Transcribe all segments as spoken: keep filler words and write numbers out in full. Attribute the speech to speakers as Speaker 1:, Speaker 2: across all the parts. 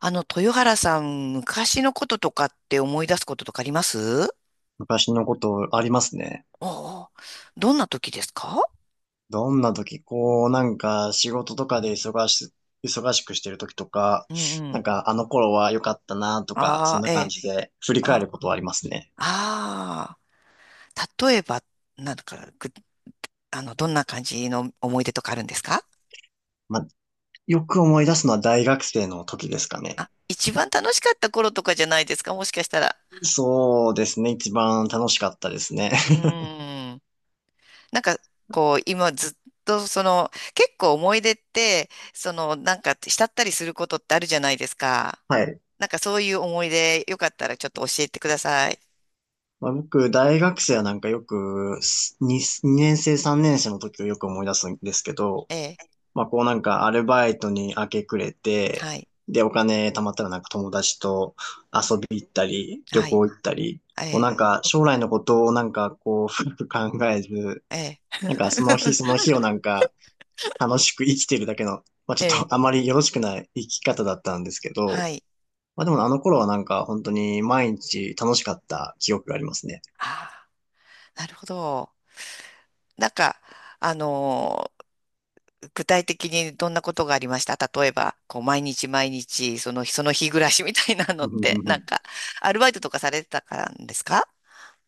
Speaker 1: あの、豊原さん、昔のこととかって思い出すこととかあります
Speaker 2: 昔のことありますね。
Speaker 1: おお、どんな時ですか？
Speaker 2: どんな時、こう、なんか仕事とかで忙し、忙しくしてる時とか、
Speaker 1: うん、う
Speaker 2: なん
Speaker 1: ん。
Speaker 2: かあの頃は良かったなとか、そん
Speaker 1: ああ、
Speaker 2: な
Speaker 1: え
Speaker 2: 感
Speaker 1: え。
Speaker 2: じで振り返
Speaker 1: あ、
Speaker 2: ることはありますね。
Speaker 1: あ、あ、例えば、なんか、ぐあの、どんな感じの思い出とかあるんですか？
Speaker 2: まあ、よく思い出すのは大学生の時ですかね。
Speaker 1: あ、一番楽しかった頃とかじゃないですか、もしかしたら。
Speaker 2: そうですね。一番楽しかったですね。
Speaker 1: うー ん。なんか、こう、今ずっと、その、結構思い出って、その、なんか、慕ったりすることってあるじゃないですか。
Speaker 2: はい。
Speaker 1: なんかそういう思い出、よかったらちょっと教えてください。
Speaker 2: まあ、僕、大学生はなんかよく、ににねん生、さんねん生の時をよく思い出すんですけど、
Speaker 1: ええ、
Speaker 2: まあ、こうなんかアルバイトに明け暮れて、
Speaker 1: はい、
Speaker 2: で、お金貯まったらなんか友達と遊び行ったり、旅
Speaker 1: はい、
Speaker 2: 行行ったり、
Speaker 1: え
Speaker 2: こうな
Speaker 1: え、
Speaker 2: んか将来のことをなんかこう深く考えず、
Speaker 1: ええ、
Speaker 2: なんかその日その 日をなんか楽しく生きてるだけの、まあち
Speaker 1: え
Speaker 2: ょ
Speaker 1: え、
Speaker 2: っとあまりよろしくない生き方だったんですけ
Speaker 1: は
Speaker 2: ど、
Speaker 1: い。
Speaker 2: まあでもあの頃はなんか本当に毎日楽しかった記憶がありますね。
Speaker 1: ああ、なるほど。なんか、あのー具体的にどんなことがありました、例えば、こう、毎日毎日、その日、その日暮らしみたいなの
Speaker 2: う
Speaker 1: っ
Speaker 2: んう
Speaker 1: て、
Speaker 2: んう
Speaker 1: なん
Speaker 2: ん。
Speaker 1: か、アルバイトとかされてたからですか？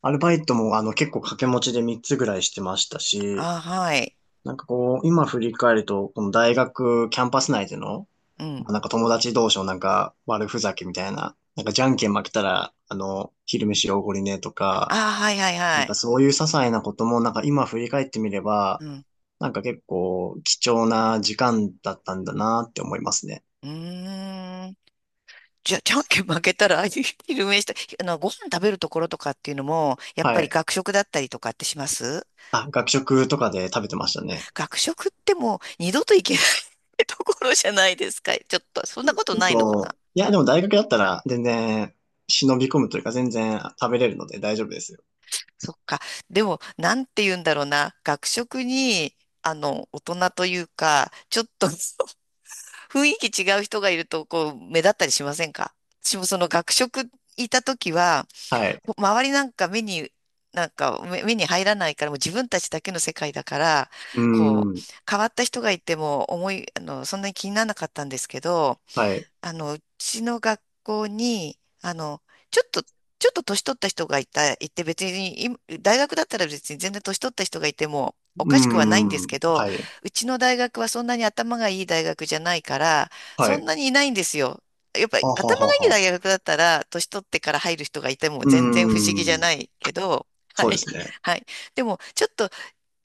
Speaker 2: アルバイトもあの結構掛け持ちでみっつぐらいしてましたし、
Speaker 1: ああ、はい。
Speaker 2: なんかこう、今振り返ると、この大学キャンパス内での、
Speaker 1: う
Speaker 2: ま
Speaker 1: ん。
Speaker 2: あなんか友達同士のなんか悪ふざけみたいな、なんかじゃんけん負けたら、あの、昼飯おごりねとか、
Speaker 1: ああ、はい、はい、
Speaker 2: な
Speaker 1: は
Speaker 2: ん
Speaker 1: い。
Speaker 2: かそういう些細なこともなんか今振り返ってみれば、
Speaker 1: うん。
Speaker 2: なんか結構貴重な時間だったんだなって思いますね。
Speaker 1: うーん。じゃ、じゃんけん負けたら、あい、昼飯した、あの、ご飯食べるところとかっていうのも、やっぱ
Speaker 2: は
Speaker 1: り
Speaker 2: い。
Speaker 1: 学食だったりとかってします？
Speaker 2: あ、学食とかで食べてましたね。
Speaker 1: 学食ってもう二度と行けない ところじゃないですか。ちょっと、そんなことないのかな？
Speaker 2: そう。いや、でも大学だったら全然忍び込むというか全然食べれるので大丈夫ですよ。
Speaker 1: そっか。でも、なんて言うんだろうな。学食に、あの、大人というか、ちょっと 雰囲気違う人がいると、こう、目立ったりしませんか？私もその学食いた時は、
Speaker 2: はい。
Speaker 1: 周りなんか目に、なんか目目に入らないから、もう自分たちだけの世界だから、
Speaker 2: うー
Speaker 1: こう、
Speaker 2: ん。
Speaker 1: 変わった人がいても思い、あの、そんなに気にならなかったんですけど、
Speaker 2: はい。
Speaker 1: あの、うちの学校に、あの、ちょっと、ちょっと年取った人がいた、いて別に、今大学だったら別に全然年取った人がいてもお
Speaker 2: う
Speaker 1: かしくはないんです
Speaker 2: ー
Speaker 1: け
Speaker 2: ん。
Speaker 1: ど、
Speaker 2: はい。
Speaker 1: うちの大学はそんなに頭がいい大学じゃないから、
Speaker 2: は
Speaker 1: そん
Speaker 2: い。
Speaker 1: なにいないんですよ。やっぱり
Speaker 2: あは
Speaker 1: 頭
Speaker 2: は
Speaker 1: がいい
Speaker 2: は。
Speaker 1: 大学だったら、年取ってから入る人がいても
Speaker 2: うー
Speaker 1: 全然不思議じゃな
Speaker 2: ん。
Speaker 1: いけど、は
Speaker 2: そうで
Speaker 1: い。
Speaker 2: すね。
Speaker 1: はい。でも、ちょっと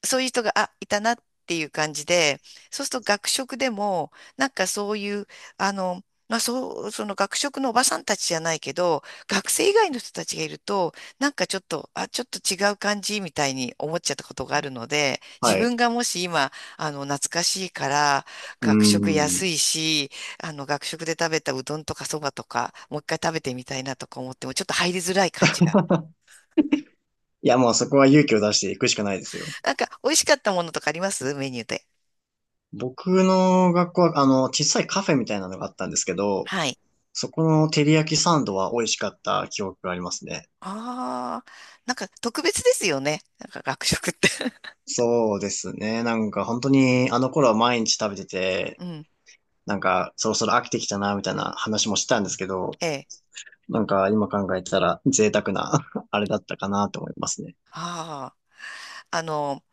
Speaker 1: そういう人が、あ、いたなっていう感じで、そうすると学食でも、なんかそういう、あの、まあ、そう、その学食のおばさんたちじゃないけど、学生以外の人たちがいると、なんかちょっと、あ、ちょっと違う感じみたいに思っちゃったことがあるので、自
Speaker 2: はい。う
Speaker 1: 分がもし今、あの、懐かしいから、
Speaker 2: ー
Speaker 1: 学食
Speaker 2: ん。
Speaker 1: 安いし、あの、学食で食べたうどんとかそばとか、もう一回食べてみたいなとか思っても、ちょっと入りづらい感じが。
Speaker 2: いや、もうそこは勇気を出していくしかないですよ。
Speaker 1: なんか、美味しかったものとかあります、メニューで？
Speaker 2: 僕の学校は、あの、小さいカフェみたいなのがあったんですけど、
Speaker 1: はい。
Speaker 2: そこの照り焼きサンドは美味しかった記憶がありますね。
Speaker 1: ああ、なんか特別ですよね。なんか学食って。
Speaker 2: そうですね。なんか本当にあの頃は毎日食べてて、
Speaker 1: うん。
Speaker 2: なんかそろそろ飽きてきたな、みたいな話もしてたんですけど、
Speaker 1: ええ。
Speaker 2: なんか今考えたら贅沢な あれだったかなと思いますね。
Speaker 1: ああ。あの、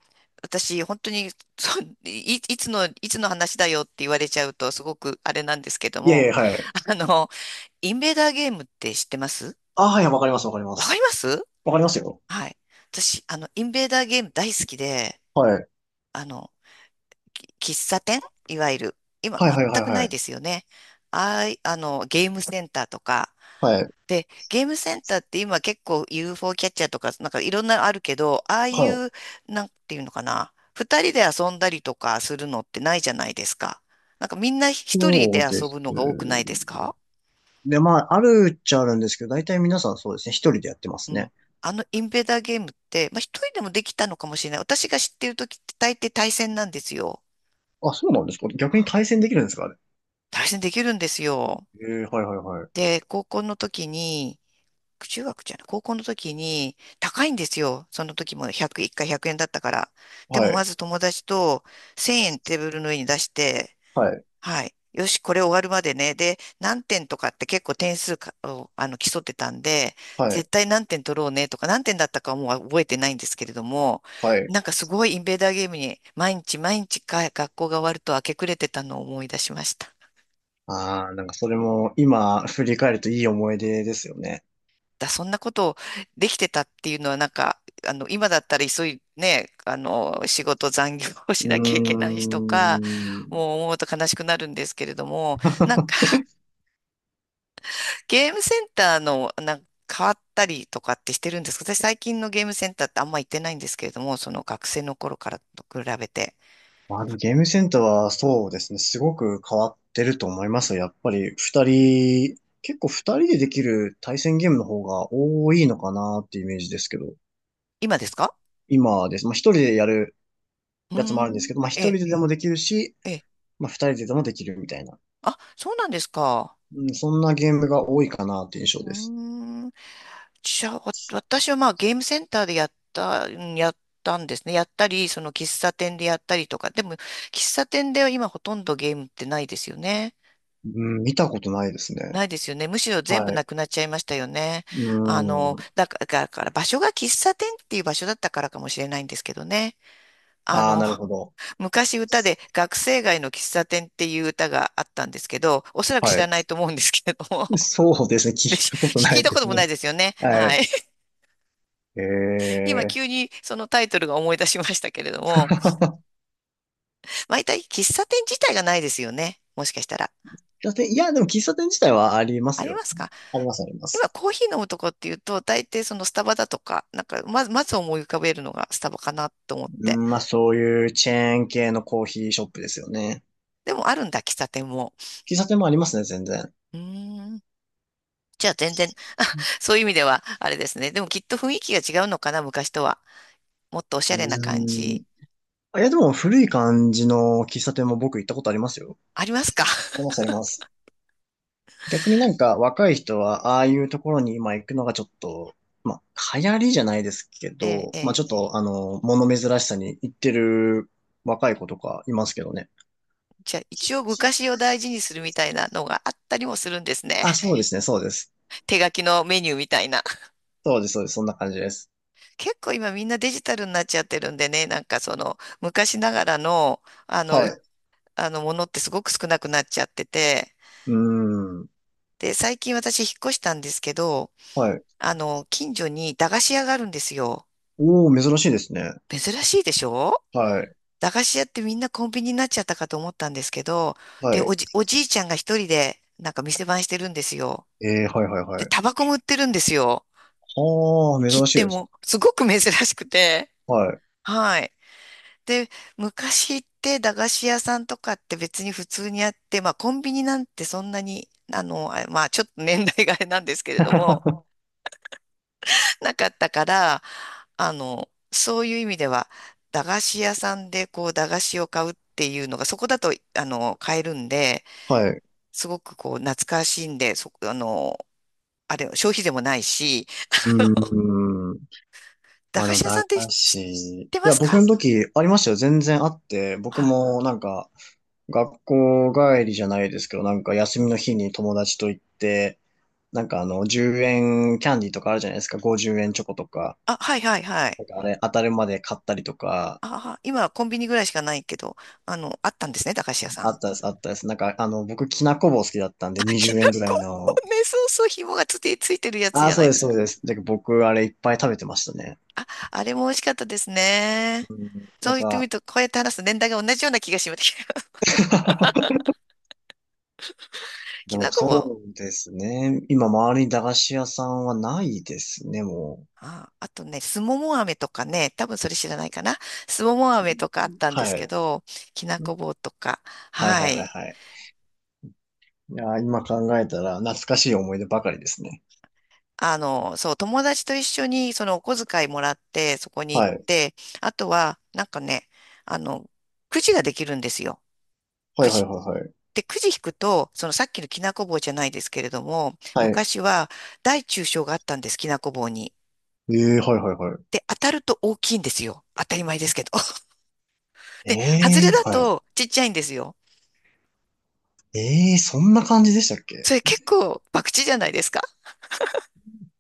Speaker 1: 私、本当に、そう、い、いつの、いつの話だよって言われちゃうと、すごくあれなんですけど
Speaker 2: いやい
Speaker 1: も、
Speaker 2: や、はい。
Speaker 1: あの、インベーダーゲームって知ってます
Speaker 2: あ、はい、わかります、わかりま
Speaker 1: わかり
Speaker 2: す。
Speaker 1: ます
Speaker 2: わかりますよ。
Speaker 1: はい。私、あの、インベーダーゲーム大好きで、
Speaker 2: はい。
Speaker 1: あの、き喫茶店、いわゆる、今
Speaker 2: はいはいは
Speaker 1: 全
Speaker 2: い
Speaker 1: くな
Speaker 2: は
Speaker 1: い
Speaker 2: い。
Speaker 1: ですよね。ああい、あの、ゲームセンターとか、
Speaker 2: はい。
Speaker 1: で、ゲームセンターって今結構 ユーフォー キャッチャーとか、なんかいろんなのあるけど、ああ
Speaker 2: は
Speaker 1: い
Speaker 2: い。
Speaker 1: う、なんていうのかな、二人で遊んだりとかするのってないじゃないですか。なんかみんな一人
Speaker 2: そ
Speaker 1: で
Speaker 2: うで
Speaker 1: 遊
Speaker 2: す。
Speaker 1: ぶのが多くないですか？
Speaker 2: で、まあ、あるっちゃあるんですけど、大体皆さんそうですね、一人でやってま
Speaker 1: う
Speaker 2: すね。
Speaker 1: ん。あのインベーダーゲームって、まあ、一人でもできたのかもしれない。私が知ってる時って大抵対戦なんですよ。
Speaker 2: あ、そうなんですか？逆に
Speaker 1: あ、
Speaker 2: 対戦できるんですかあれ？
Speaker 1: 対戦できるんですよ。
Speaker 2: えー、はいはいはい。
Speaker 1: で、高校の時に、中学じゃない、高校の時に高いんですよ。その時もひゃく、いっかいひゃくえんだったから。で
Speaker 2: は
Speaker 1: もま
Speaker 2: い。
Speaker 1: ず友達とせんえんテーブルの上に出して、
Speaker 2: はい。
Speaker 1: はい。よし、これ終わるまでね。で、何点とかって結構点数かをあの競ってたんで、
Speaker 2: はい。
Speaker 1: 絶対何点取ろうねとか、何点だったかはもう覚えてないんですけれども、
Speaker 2: はい。
Speaker 1: なんかすごいインベーダーゲームに毎日毎日か学校が終わると明け暮れてたのを思い出しました。
Speaker 2: ああ、なんかそれも今振り返るといい思い出ですよね。
Speaker 1: だ、そんなことできてたっていうのは、なんか、あの、今だったら急い、ね、あの、仕事残業を
Speaker 2: う
Speaker 1: しなきゃいけない人か、
Speaker 2: ーん。
Speaker 1: もう思うと悲しくなるんですけれども、なんか、ゲームセンターの、なんか変わったりとかってしてるんですか？私最近のゲームセンターってあんま行ってないんですけれども、その学生の頃からと比べて。
Speaker 2: まあ、ゲームセンターはそうですね、すごく変わってると思いますよ。やっぱり二人、結構二人でできる対戦ゲームの方が多いのかなっていうイメージですけど、
Speaker 1: 今ですか？
Speaker 2: 今です。まあ一人でやる
Speaker 1: う
Speaker 2: やつもあ
Speaker 1: ー
Speaker 2: るんです
Speaker 1: ん、
Speaker 2: けど、まあ一
Speaker 1: ええ、
Speaker 2: 人ででもできるし、
Speaker 1: ええ。
Speaker 2: まあ二人ででもできるみたいな。
Speaker 1: あ、そうなんですか。
Speaker 2: うん、そんなゲームが多いかなって印
Speaker 1: う
Speaker 2: 象です。
Speaker 1: ーん。じゃあ、わ私はまあゲームセンターでやった、うんやったんですね。やったり、その喫茶店でやったりとか。でも、喫茶店では今ほとんどゲームってないですよね。
Speaker 2: うん、見たことないですね。
Speaker 1: ないですよね。むしろ全部
Speaker 2: は
Speaker 1: な
Speaker 2: い。
Speaker 1: くなっちゃいましたよね。
Speaker 2: う
Speaker 1: あの、
Speaker 2: ん。
Speaker 1: だから、だから場所が喫茶店っていう場所だったからかもしれないんですけどね。あ
Speaker 2: ああ、
Speaker 1: の、
Speaker 2: なる ほど。
Speaker 1: 昔歌で学生街の喫茶店っていう歌があったんですけど、おそらく知
Speaker 2: は
Speaker 1: ら
Speaker 2: い。
Speaker 1: ないと思うんですけれども。
Speaker 2: そうですね、
Speaker 1: で、
Speaker 2: 聞い
Speaker 1: し
Speaker 2: たことな
Speaker 1: 聞い
Speaker 2: い
Speaker 1: た
Speaker 2: で
Speaker 1: こ
Speaker 2: す
Speaker 1: ともな
Speaker 2: ね。
Speaker 1: いですよね。
Speaker 2: は
Speaker 1: は
Speaker 2: い。
Speaker 1: い。今
Speaker 2: ええ、
Speaker 1: 急にそのタイトルが思い出しましたけれども、毎回喫茶店自体がないですよね。もしかしたら。
Speaker 2: 喫茶店、いや、でも喫茶店自体はありま
Speaker 1: あ
Speaker 2: す
Speaker 1: り
Speaker 2: よ。
Speaker 1: ますか？
Speaker 2: あります、あります。
Speaker 1: 今コーヒー飲むとこっていうと、大抵そのスタバだとか、なんかまず、まず思い浮かべるのがスタバかなと思っ
Speaker 2: う
Speaker 1: て。
Speaker 2: ん、まあそういうチェーン系のコーヒーショップですよね。
Speaker 1: でもあるんだ、喫茶店も。
Speaker 2: 喫茶店もありますね、全然。
Speaker 1: うーん。じゃあ全然、そういう意味ではあれですね。でもきっと雰囲気が違うのかな、昔とは。もっとおしゃ
Speaker 2: う
Speaker 1: れな感
Speaker 2: ー
Speaker 1: じ。
Speaker 2: ん。あ、いや、でも古い感じの喫茶店も僕行ったことありますよ。
Speaker 1: ありますか？
Speaker 2: あります、あります。逆になんか若い人はああいうところに今行くのがちょっと、まあ流行りじゃないですけ
Speaker 1: ええ、
Speaker 2: ど、
Speaker 1: え
Speaker 2: まあ
Speaker 1: え。
Speaker 2: ちょっとあの、物珍しさに行ってる若い子とかいますけどね。
Speaker 1: じゃあ一応昔を大事にするみたいなのがあったりもするんですね。
Speaker 2: あ、そうですね、そうです。
Speaker 1: 手書きのメニューみたいな。
Speaker 2: そうです、そうです。そんな感じです。
Speaker 1: 結構今みんなデジタルになっちゃってるんでね、なんかその昔ながらの、あの、
Speaker 2: は
Speaker 1: う
Speaker 2: い。う
Speaker 1: あのものってすごく少なくなっちゃってて、
Speaker 2: ーん。
Speaker 1: で、最近私引っ越したんですけど、
Speaker 2: はい。
Speaker 1: あの、近所に駄菓子屋があるんですよ。
Speaker 2: おー、珍しいですね。
Speaker 1: 珍しいでしょ？
Speaker 2: はい。
Speaker 1: 駄菓子屋ってみんなコンビニになっちゃったかと思ったんですけど、
Speaker 2: は
Speaker 1: で、
Speaker 2: い。
Speaker 1: おじ、おじいちゃんが一人でなんか店番してるんですよ。
Speaker 2: えー、はい、はい、
Speaker 1: で、
Speaker 2: はい。
Speaker 1: タバコも売ってるんですよ。
Speaker 2: はー、
Speaker 1: 切
Speaker 2: 珍しい
Speaker 1: 手
Speaker 2: です。
Speaker 1: も。すごく珍しくて。
Speaker 2: はい。
Speaker 1: はい。で、昔って駄菓子屋さんとかって別に普通にあって、まあコンビニなんてそんなに、あの、あまあちょっと年代があれなんですけれども、なかったから、あの、そういう意味では、駄菓子屋さんでこう駄菓子を買うっていうのが、そこだと、あの、買えるんで、
Speaker 2: はい。
Speaker 1: すごくこう懐かしいんで、そ、あの、あれ、消費税もないし、
Speaker 2: うーん。
Speaker 1: 駄
Speaker 2: まあで
Speaker 1: 菓
Speaker 2: も、
Speaker 1: 子屋さん
Speaker 2: 駄
Speaker 1: って知
Speaker 2: 菓子。
Speaker 1: っ
Speaker 2: い
Speaker 1: てま
Speaker 2: や、
Speaker 1: す
Speaker 2: 僕
Speaker 1: か？
Speaker 2: の時ありましたよ。全然あって。僕
Speaker 1: はい。
Speaker 2: もなんか、学校帰りじゃないですけど、なんか休みの日に友達と行って、なんかあの、じゅうえんキャンディーとかあるじゃないですか。ごじゅうえんチョコとか。
Speaker 1: あ、はいはいはい。
Speaker 2: なんかあれ、当たるまで買ったりとか、
Speaker 1: ああ、今はコンビニぐらいしかないけど、あの、あったんですね、駄菓子屋さ
Speaker 2: あ
Speaker 1: ん。
Speaker 2: った です、あったです。なんか、あの、僕、きなこ棒好きだったん
Speaker 1: あ、
Speaker 2: で、
Speaker 1: き
Speaker 2: にじゅうえん
Speaker 1: な
Speaker 2: ぐら
Speaker 1: こ。
Speaker 2: いの。
Speaker 1: ね、そうそう、紐がつて、ついてるやつ
Speaker 2: あ
Speaker 1: じ
Speaker 2: あ、
Speaker 1: ゃ
Speaker 2: そ
Speaker 1: な
Speaker 2: う
Speaker 1: い
Speaker 2: で
Speaker 1: で
Speaker 2: す、
Speaker 1: す
Speaker 2: そ
Speaker 1: か。
Speaker 2: うです。で、僕、あれいっぱい食べてましたね。
Speaker 1: あ、あれも美味しかったですね。
Speaker 2: うん、
Speaker 1: そ
Speaker 2: な
Speaker 1: う
Speaker 2: ん
Speaker 1: 言ってみる
Speaker 2: か、
Speaker 1: と、こうやって話す年代が同じような気がします。
Speaker 2: で
Speaker 1: き
Speaker 2: も
Speaker 1: なこ
Speaker 2: そ
Speaker 1: も、
Speaker 2: うですね。今、周りに駄菓子屋さんはないですね、も
Speaker 1: あ、あとね、すもも飴とかね、多分それ知らないかな。すもも飴とかあっ
Speaker 2: う。
Speaker 1: たんです
Speaker 2: は
Speaker 1: け
Speaker 2: い。
Speaker 1: ど、きなこ棒とか、
Speaker 2: はいは
Speaker 1: は
Speaker 2: いはい
Speaker 1: い。
Speaker 2: はい。いやー、今考えたら懐かしい思い出ばかりですね。
Speaker 1: あの、そう、友達と一緒にそのお小遣いもらって、そこに行
Speaker 2: は
Speaker 1: っ
Speaker 2: い。
Speaker 1: て、あとは、なんかね、あの、くじができるんですよ。
Speaker 2: はい
Speaker 1: く
Speaker 2: はい
Speaker 1: じ。
Speaker 2: はいはい。
Speaker 1: で、くじ引くと、そのさっきのきなこ棒じゃないですけれども、
Speaker 2: はい。
Speaker 1: 昔は大中小があったんです、きなこ棒に。
Speaker 2: ええー、はいはいはい。
Speaker 1: で、当たると大きいんですよ。当たり前ですけど。
Speaker 2: え
Speaker 1: で、外れ
Speaker 2: え
Speaker 1: だ
Speaker 2: ー、はい。
Speaker 1: とちっちゃいんですよ。
Speaker 2: ええー、そんな感じでしたっけ？
Speaker 1: それ結構博打じゃないですか。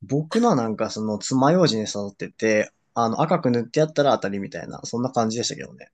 Speaker 2: 僕のはなんかその爪楊枝に刺さってて、あの赤く塗ってやったら当たりみたいな、そんな感じでしたけどね。